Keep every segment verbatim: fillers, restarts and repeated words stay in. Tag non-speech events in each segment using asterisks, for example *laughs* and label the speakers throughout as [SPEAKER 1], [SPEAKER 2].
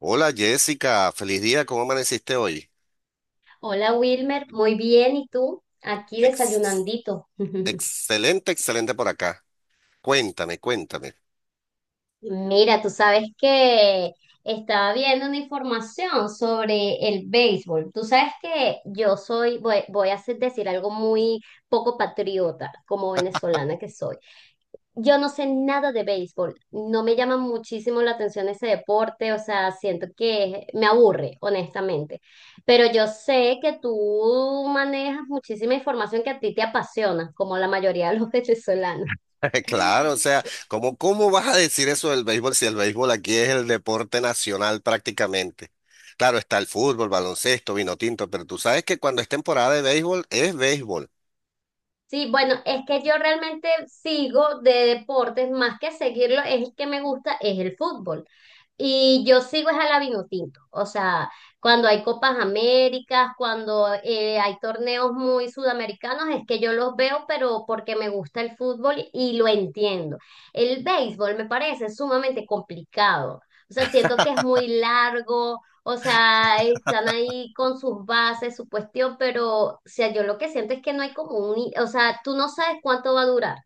[SPEAKER 1] Hola Jessica, feliz día, ¿cómo amaneciste hoy?
[SPEAKER 2] Hola Wilmer, muy bien, ¿y tú? Aquí
[SPEAKER 1] Ex-
[SPEAKER 2] desayunandito. *laughs*
[SPEAKER 1] Excelente, excelente por acá. Cuéntame, cuéntame.
[SPEAKER 2] Mira, tú sabes que estaba viendo una información sobre el béisbol. Tú sabes que yo soy, voy, voy a hacer- decir algo muy poco patriota, como venezolana que soy. Yo no sé nada de béisbol, no me llama muchísimo la atención ese deporte, o sea, siento que me aburre, honestamente. Pero yo sé que tú manejas muchísima información que a ti te apasiona, como la mayoría de los *laughs* venezolanos.
[SPEAKER 1] *laughs* Claro, o sea, ¿cómo, cómo vas a decir eso del béisbol si el béisbol aquí es el deporte nacional prácticamente? Claro, está el fútbol, baloncesto, vino tinto, pero tú sabes que cuando es temporada de béisbol es béisbol.
[SPEAKER 2] Sí, bueno, es que yo realmente sigo de deportes, más que seguirlo, es el que me gusta, es el fútbol. Y yo sigo es a la Vinotinto, o sea, cuando hay Copas Américas, cuando eh, hay torneos muy sudamericanos, es que yo los veo, pero porque me gusta el fútbol y lo entiendo. El béisbol me parece sumamente complicado, o sea, siento que es muy largo, o sea, están ahí con sus bases, su cuestión, pero, o sea, yo lo que siento es que no hay como un, i- o sea, tú no sabes cuánto va a durar,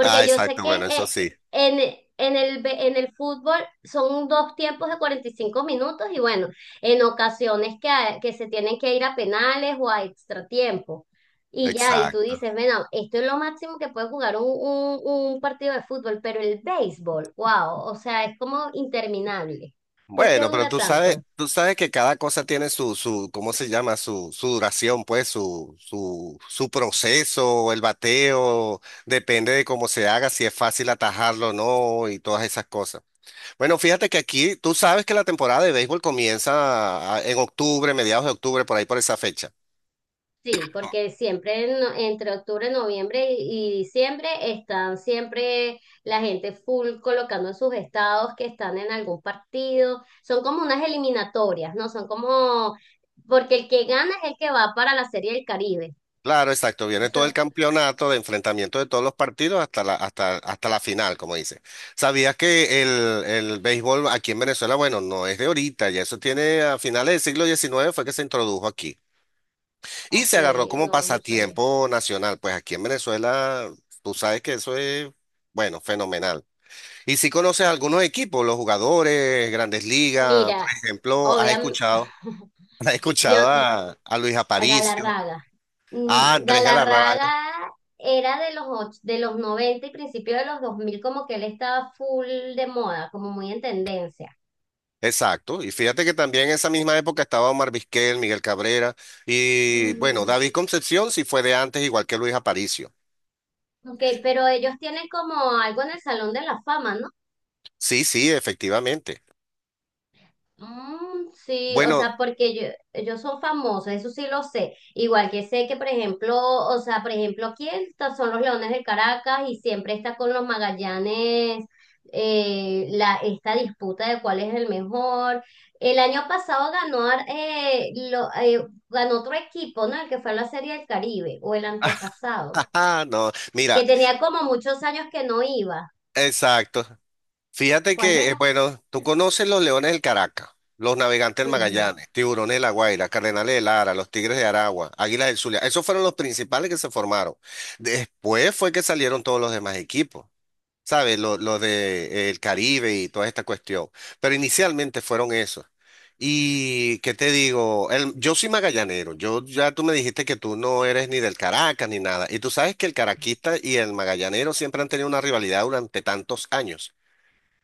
[SPEAKER 1] Ah,
[SPEAKER 2] yo sé
[SPEAKER 1] exacto,
[SPEAKER 2] que
[SPEAKER 1] bueno, eso
[SPEAKER 2] eh,
[SPEAKER 1] sí,
[SPEAKER 2] en, en el, be- en el fútbol son dos tiempos de cuarenta y cinco minutos y bueno, en ocasiones que, hay- que se tienen que ir a penales o a extra tiempo. Y ya, y tú
[SPEAKER 1] exacto.
[SPEAKER 2] dices, bueno, esto es lo máximo que puede jugar un, un, un partido de fútbol, pero el béisbol, wow, o sea, es como interminable. ¿Por qué
[SPEAKER 1] Bueno, pero
[SPEAKER 2] dura
[SPEAKER 1] tú sabes,
[SPEAKER 2] tanto?
[SPEAKER 1] tú sabes que cada cosa tiene su, su, ¿cómo se llama? Su, su duración, pues, su, su, su proceso, el bateo, depende de cómo se haga, si es fácil atajarlo o no, y todas esas cosas. Bueno, fíjate que aquí, tú sabes que la temporada de béisbol comienza a- en octubre, mediados de octubre, por ahí por esa fecha.
[SPEAKER 2] Sí, porque siempre en- no, entre octubre, noviembre y, y diciembre están siempre la gente full colocando en sus estados que están en algún partido. Son como unas eliminatorias, ¿no? Son como, porque el que gana es el que va para la Serie del Caribe.
[SPEAKER 1] Claro, exacto. Viene
[SPEAKER 2] Eso
[SPEAKER 1] todo
[SPEAKER 2] es,
[SPEAKER 1] el campeonato de enfrentamiento de todos los partidos hasta la, hasta, hasta la final, como dice. ¿Sabías que el, el béisbol aquí en Venezuela, bueno, no es de ahorita, ya eso tiene a finales del siglo diecinueve fue que se introdujo aquí y
[SPEAKER 2] ok,
[SPEAKER 1] se agarró como
[SPEAKER 2] no, no sabía.
[SPEAKER 1] pasatiempo nacional? Pues aquí en Venezuela, tú sabes que eso es, bueno, fenomenal. Y si conoces algunos equipos, los jugadores, grandes ligas, por
[SPEAKER 2] Mira,
[SPEAKER 1] ejemplo, has
[SPEAKER 2] obviamente,
[SPEAKER 1] escuchado, *laughs* has
[SPEAKER 2] yo.
[SPEAKER 1] escuchado a, a Luis
[SPEAKER 2] A
[SPEAKER 1] Aparicio,
[SPEAKER 2] Galarraga. Mm,
[SPEAKER 1] a Andrés Galarraga.
[SPEAKER 2] Galarraga era de los, och- de los noventa y principios de los dos mil, como que él estaba full de moda, como muy en tendencia.
[SPEAKER 1] Exacto, y fíjate que también en esa misma época estaba Omar Vizquel, Miguel Cabrera y
[SPEAKER 2] Ujú.
[SPEAKER 1] bueno, David Concepción sí fue de antes, igual que Luis Aparicio.
[SPEAKER 2] Ok, pero ellos tienen como algo en el Salón de la Fama, ¿no?
[SPEAKER 1] Sí, sí, efectivamente.
[SPEAKER 2] Mm, sí, o sea,
[SPEAKER 1] Bueno,
[SPEAKER 2] porque yo, ellos son famosos, eso sí lo sé. Igual que sé que, por ejemplo, o sea, por ejemplo, aquí está- son los Leones del Caracas y siempre está con los Magallanes, eh, la, esta disputa de cuál es el mejor. El año pasado ganó, Ar- eh, lo, eh, ganó otro equipo, ¿no? El que fue a la Serie del Caribe, o el antepasado,
[SPEAKER 1] *laughs* no, mira,
[SPEAKER 2] que tenía como muchos años que no iba.
[SPEAKER 1] exacto. Fíjate
[SPEAKER 2] ¿Cuál
[SPEAKER 1] que, eh, bueno, tú conoces los Leones del Caracas, los Navegantes del
[SPEAKER 2] era?
[SPEAKER 1] Magallanes, Tiburones de La Guaira, Cardenales de Lara, los Tigres de Aragua, Águilas del Zulia. Esos fueron los principales que se formaron. Después fue que salieron todos los demás equipos. ¿Sabes? Lo, lo de eh, el Caribe y toda esta cuestión. Pero inicialmente fueron esos. Y qué te digo, El- yo soy magallanero, yo ya tú me dijiste que tú no eres ni del Caracas ni nada. Y tú sabes que el caraquista y el magallanero siempre han tenido una rivalidad durante tantos años.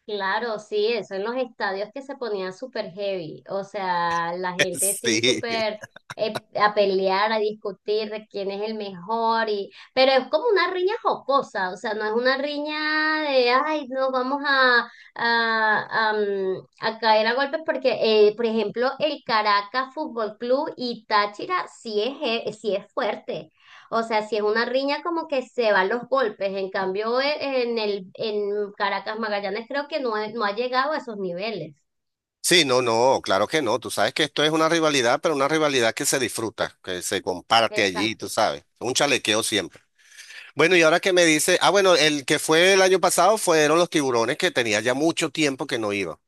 [SPEAKER 2] Claro, sí, eso en los estadios, que se ponían súper heavy, o sea, la
[SPEAKER 1] *laughs*
[SPEAKER 2] gente sí
[SPEAKER 1] Sí.
[SPEAKER 2] súper eh, a pelear, a discutir de quién es el mejor, y, pero es como una riña jocosa, o sea, no es una riña de, ay, nos vamos a, a, a, mm, a caer a golpes, porque, eh, por ejemplo, el Caracas Fútbol Club y Táchira sí es, he- sí es fuerte. O sea, si es una riña como que se van los golpes, en cambio e- en el en Caracas Magallanes creo que no, he- no ha llegado a esos niveles.
[SPEAKER 1] Sí, no, no, claro que no. Tú sabes que esto es una rivalidad, pero una rivalidad que se disfruta, que se comparte allí, tú
[SPEAKER 2] Exacto.
[SPEAKER 1] sabes. Un chalequeo siempre. Bueno, y ahora que me dice, ah, bueno, el que fue el año pasado fueron los tiburones que tenía ya mucho tiempo que no iba.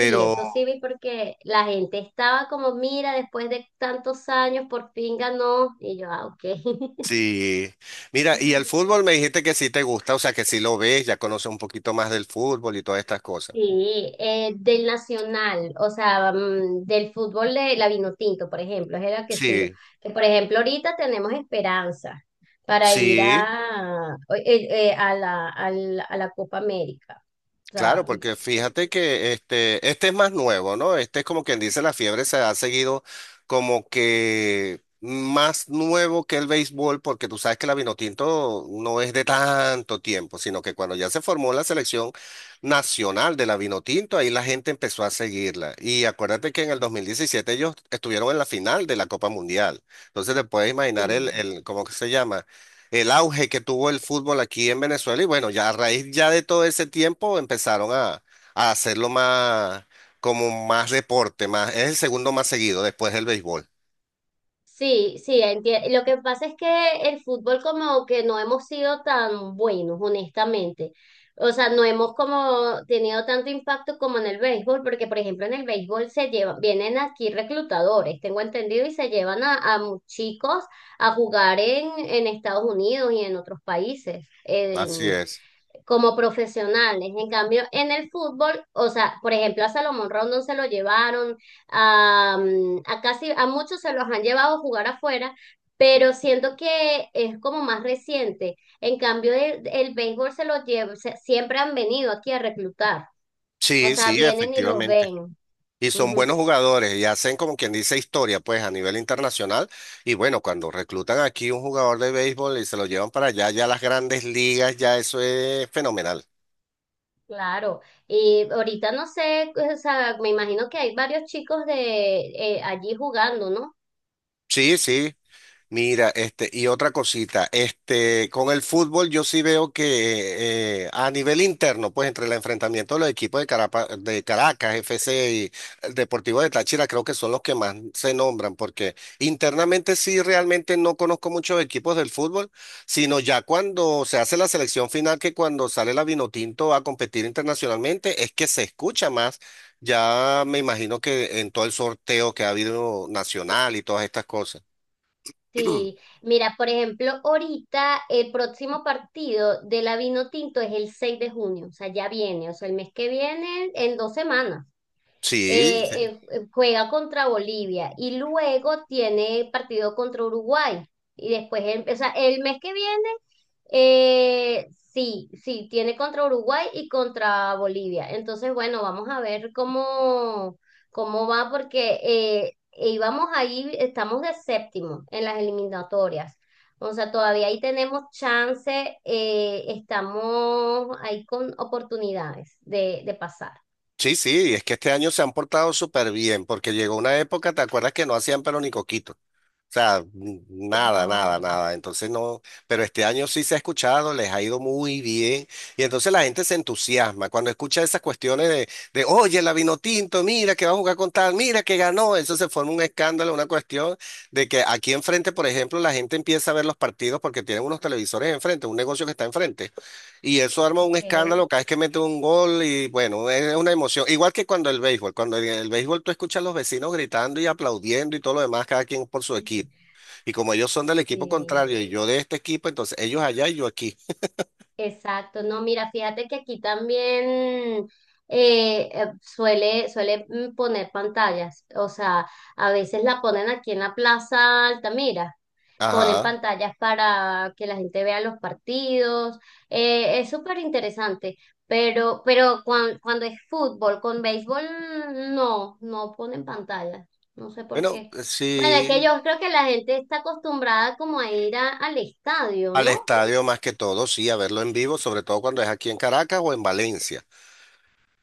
[SPEAKER 2] Sí, eso sí vi porque la gente estaba como, mira, después de tantos años por fin ganó y yo, ah, ok.
[SPEAKER 1] sí, mira, y el
[SPEAKER 2] *laughs*
[SPEAKER 1] fútbol me dijiste que sí te gusta, o sea que sí lo ves, ya conoces un poquito más del fútbol y todas estas cosas.
[SPEAKER 2] Sí, eh, del Nacional, o sea, mm, del fútbol de la Vinotinto, por ejemplo, es la que sigo.
[SPEAKER 1] Sí,
[SPEAKER 2] Que por ejemplo, ahorita tenemos Esperanza para ir
[SPEAKER 1] sí.
[SPEAKER 2] a, eh, eh, a la, al- a la Copa América. O
[SPEAKER 1] Claro,
[SPEAKER 2] sea,
[SPEAKER 1] porque
[SPEAKER 2] eh,
[SPEAKER 1] fíjate que este, este es más nuevo, ¿no? Este es como quien dice, la fiebre se ha seguido como que más nuevo que el béisbol, porque tú sabes que la Vinotinto no es de tanto tiempo, sino que cuando ya se formó la selección nacional de la Vinotinto, ahí la gente empezó a seguirla. Y acuérdate que en el dos mil diecisiete ellos estuvieron en la final de la Copa Mundial. Entonces te puedes imaginar el,
[SPEAKER 2] sí.
[SPEAKER 1] el, ¿cómo que se llama? El auge que tuvo el fútbol aquí en Venezuela y bueno, ya a raíz ya de todo ese tiempo empezaron a, a hacerlo más como más deporte, más, es el segundo más seguido después del béisbol.
[SPEAKER 2] Sí, sí, enti- Lo que pasa es que el fútbol como que no hemos sido tan buenos, honestamente. O sea, no hemos como tenido tanto impacto como en el béisbol, porque por ejemplo en el béisbol se llevan, vienen aquí reclutadores, tengo entendido, y se llevan a, a mu- chicos a jugar en, en Estados Unidos y en otros países
[SPEAKER 1] Así es.
[SPEAKER 2] como profesionales. En cambio, en el fútbol, o sea, por ejemplo, a Salomón Rondón se lo llevaron, a, a casi a muchos se los han llevado a jugar afuera, pero siento que es como más reciente. En cambio, el, el béisbol se los lleva, se- siempre han venido aquí a reclutar, o
[SPEAKER 1] Sí,
[SPEAKER 2] sea,
[SPEAKER 1] sí,
[SPEAKER 2] vienen y los
[SPEAKER 1] efectivamente.
[SPEAKER 2] ven.
[SPEAKER 1] Y son
[SPEAKER 2] Ujú,
[SPEAKER 1] buenos jugadores y hacen como quien dice historia, pues a nivel internacional. Y bueno, cuando reclutan aquí un jugador de béisbol y se lo llevan para allá, ya las grandes ligas, ya eso es fenomenal.
[SPEAKER 2] claro, y ahorita no sé, o sea, me imagino que hay varios chicos de eh, allí jugando, ¿no?
[SPEAKER 1] Sí, sí. Mira, este, y otra cosita, este, con el fútbol yo sí veo que eh, a nivel interno, pues entre el enfrentamiento de los equipos de, Carapa- de Caracas, F C y el Deportivo de Táchira, creo que son los que más se nombran, porque internamente sí realmente no conozco muchos equipos del fútbol, sino ya cuando se hace la selección final, que cuando sale la Vinotinto a competir internacionalmente, es que se escucha más. Ya me imagino que en todo el sorteo que ha habido nacional y todas estas cosas. *clears throat*
[SPEAKER 2] Sí, mira, por ejemplo, ahorita el próximo partido de la Vinotinto es el seis de junio, o sea, ya viene, o sea, el mes que viene, en dos semanas.
[SPEAKER 1] Sí,
[SPEAKER 2] Eh, eh, eh, juega contra Bolivia y luego tiene partido contra Uruguay. Y después, el, o sea, el mes que viene, eh, sí, sí, tiene contra Uruguay y contra Bolivia. Entonces, bueno, vamos a ver cómo, cómo va, porque eh, íbamos ahí, estamos de séptimo en las eliminatorias. O sea, todavía ahí tenemos chance, eh, estamos ahí con oportunidades de, de pasar.
[SPEAKER 1] sí, sí, es que este año se han portado súper bien, porque llegó una época, ¿te acuerdas que no hacían pero ni coquito? O sea, n- nada,
[SPEAKER 2] No,
[SPEAKER 1] nada, nada. Entonces no, pero este año sí se ha escuchado, les ha ido muy bien. Y entonces la gente se entusiasma cuando escucha esas cuestiones de, de oye, la Vinotinto, mira que va a jugar con tal, mira que ganó. Eso se forma un escándalo, una cuestión de que aquí enfrente, por ejemplo, la gente empieza a ver los partidos porque tienen unos televisores enfrente, un negocio que está enfrente. Y eso arma un
[SPEAKER 2] ok.
[SPEAKER 1] escándalo cada vez que mete un gol y bueno, es una emoción. Igual que cuando el béisbol, cuando en el béisbol tú escuchas a los vecinos gritando y aplaudiendo y todo lo demás, cada quien por su equipo.
[SPEAKER 2] *laughs*
[SPEAKER 1] Y como ellos son del equipo
[SPEAKER 2] Sí.
[SPEAKER 1] contrario y yo de este equipo, entonces ellos allá y yo aquí.
[SPEAKER 2] Exacto, no, mira, fíjate que aquí también eh, eh, suele, suele mm, poner pantallas, o sea, a veces la ponen aquí en la Plaza Altamira, ponen
[SPEAKER 1] Ajá.
[SPEAKER 2] pantallas para que la gente vea los partidos, eh, es súper interesante, pero, pero cuan- cuando es fútbol, con béisbol, no, no ponen pantallas, no sé por
[SPEAKER 1] Bueno,
[SPEAKER 2] qué. Bueno, es que
[SPEAKER 1] sí,
[SPEAKER 2] yo creo que la gente está acostumbrada como a ir a- al estadio,
[SPEAKER 1] al
[SPEAKER 2] ¿no?
[SPEAKER 1] estadio más que todo, sí, a verlo en vivo, sobre todo cuando es aquí en Caracas o en Valencia.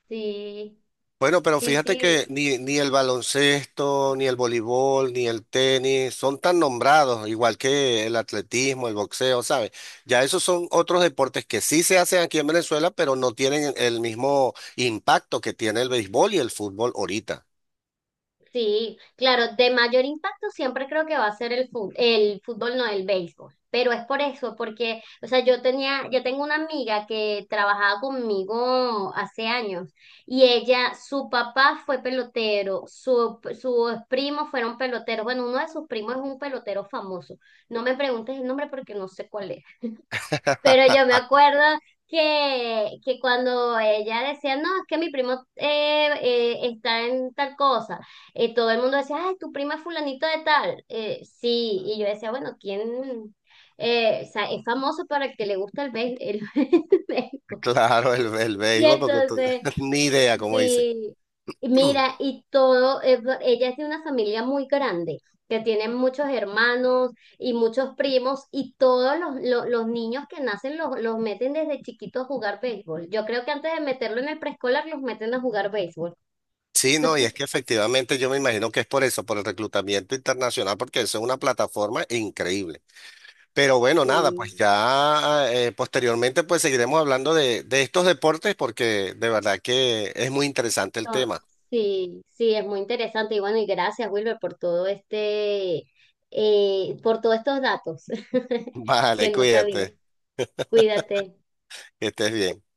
[SPEAKER 2] Sí.
[SPEAKER 1] Bueno, pero
[SPEAKER 2] Sí,
[SPEAKER 1] fíjate que
[SPEAKER 2] sí,
[SPEAKER 1] ni, ni el baloncesto, ni el voleibol, ni el tenis son tan nombrados, igual que el atletismo, el boxeo, ¿sabes? Ya esos son otros deportes que sí se hacen aquí en Venezuela, pero no tienen el mismo impacto que tiene el béisbol y el fútbol ahorita.
[SPEAKER 2] sí, claro, de mayor impacto siempre creo que va a ser el fútbol, el fútbol, no el béisbol, pero es por eso, porque, o sea, yo tenía, yo tengo una amiga que trabajaba conmigo hace años, y ella, su papá fue pelotero, su, sus primos fueron peloteros, bueno, uno de sus primos es un pelotero famoso, no me preguntes el nombre porque no sé cuál es. Pero yo me acuerdo que, que cuando ella decía, no, es que mi primo eh, eh, está en tal cosa, eh, todo el mundo decía, ay, tu prima es fulanito de tal. Eh, sí, y yo decía, bueno, ¿quién? Eh, o sea, es famoso para el que le gusta el béisbol.
[SPEAKER 1] *laughs*
[SPEAKER 2] *laughs*
[SPEAKER 1] Claro, el, el
[SPEAKER 2] Y
[SPEAKER 1] béisbol, porque tú-
[SPEAKER 2] entonces.
[SPEAKER 1] *laughs* ni idea, como dice.
[SPEAKER 2] Sí, y
[SPEAKER 1] *clears throat*
[SPEAKER 2] mira, y todo, eh, ella es de una familia muy grande, que tiene muchos hermanos y muchos primos, y todos los, lo- los niños que nacen los, los meten desde chiquitos a jugar béisbol. Yo creo que antes de meterlo en el preescolar, los meten a jugar béisbol.
[SPEAKER 1] Sí, no, y es que efectivamente yo me imagino que es por eso, por el reclutamiento internacional, porque eso es una plataforma increíble. Pero bueno, nada, pues
[SPEAKER 2] Sí,
[SPEAKER 1] ya eh, posteriormente pues seguiremos hablando de, de estos deportes porque de verdad que es muy interesante el
[SPEAKER 2] no,
[SPEAKER 1] tema.
[SPEAKER 2] sí, sí, es muy interesante. Y bueno, y gracias, Wilber, por todo este, eh, por todos estos datos *laughs*
[SPEAKER 1] *laughs* Vale,
[SPEAKER 2] que no sabía.
[SPEAKER 1] cuídate,
[SPEAKER 2] Cuídate.
[SPEAKER 1] que estés bien.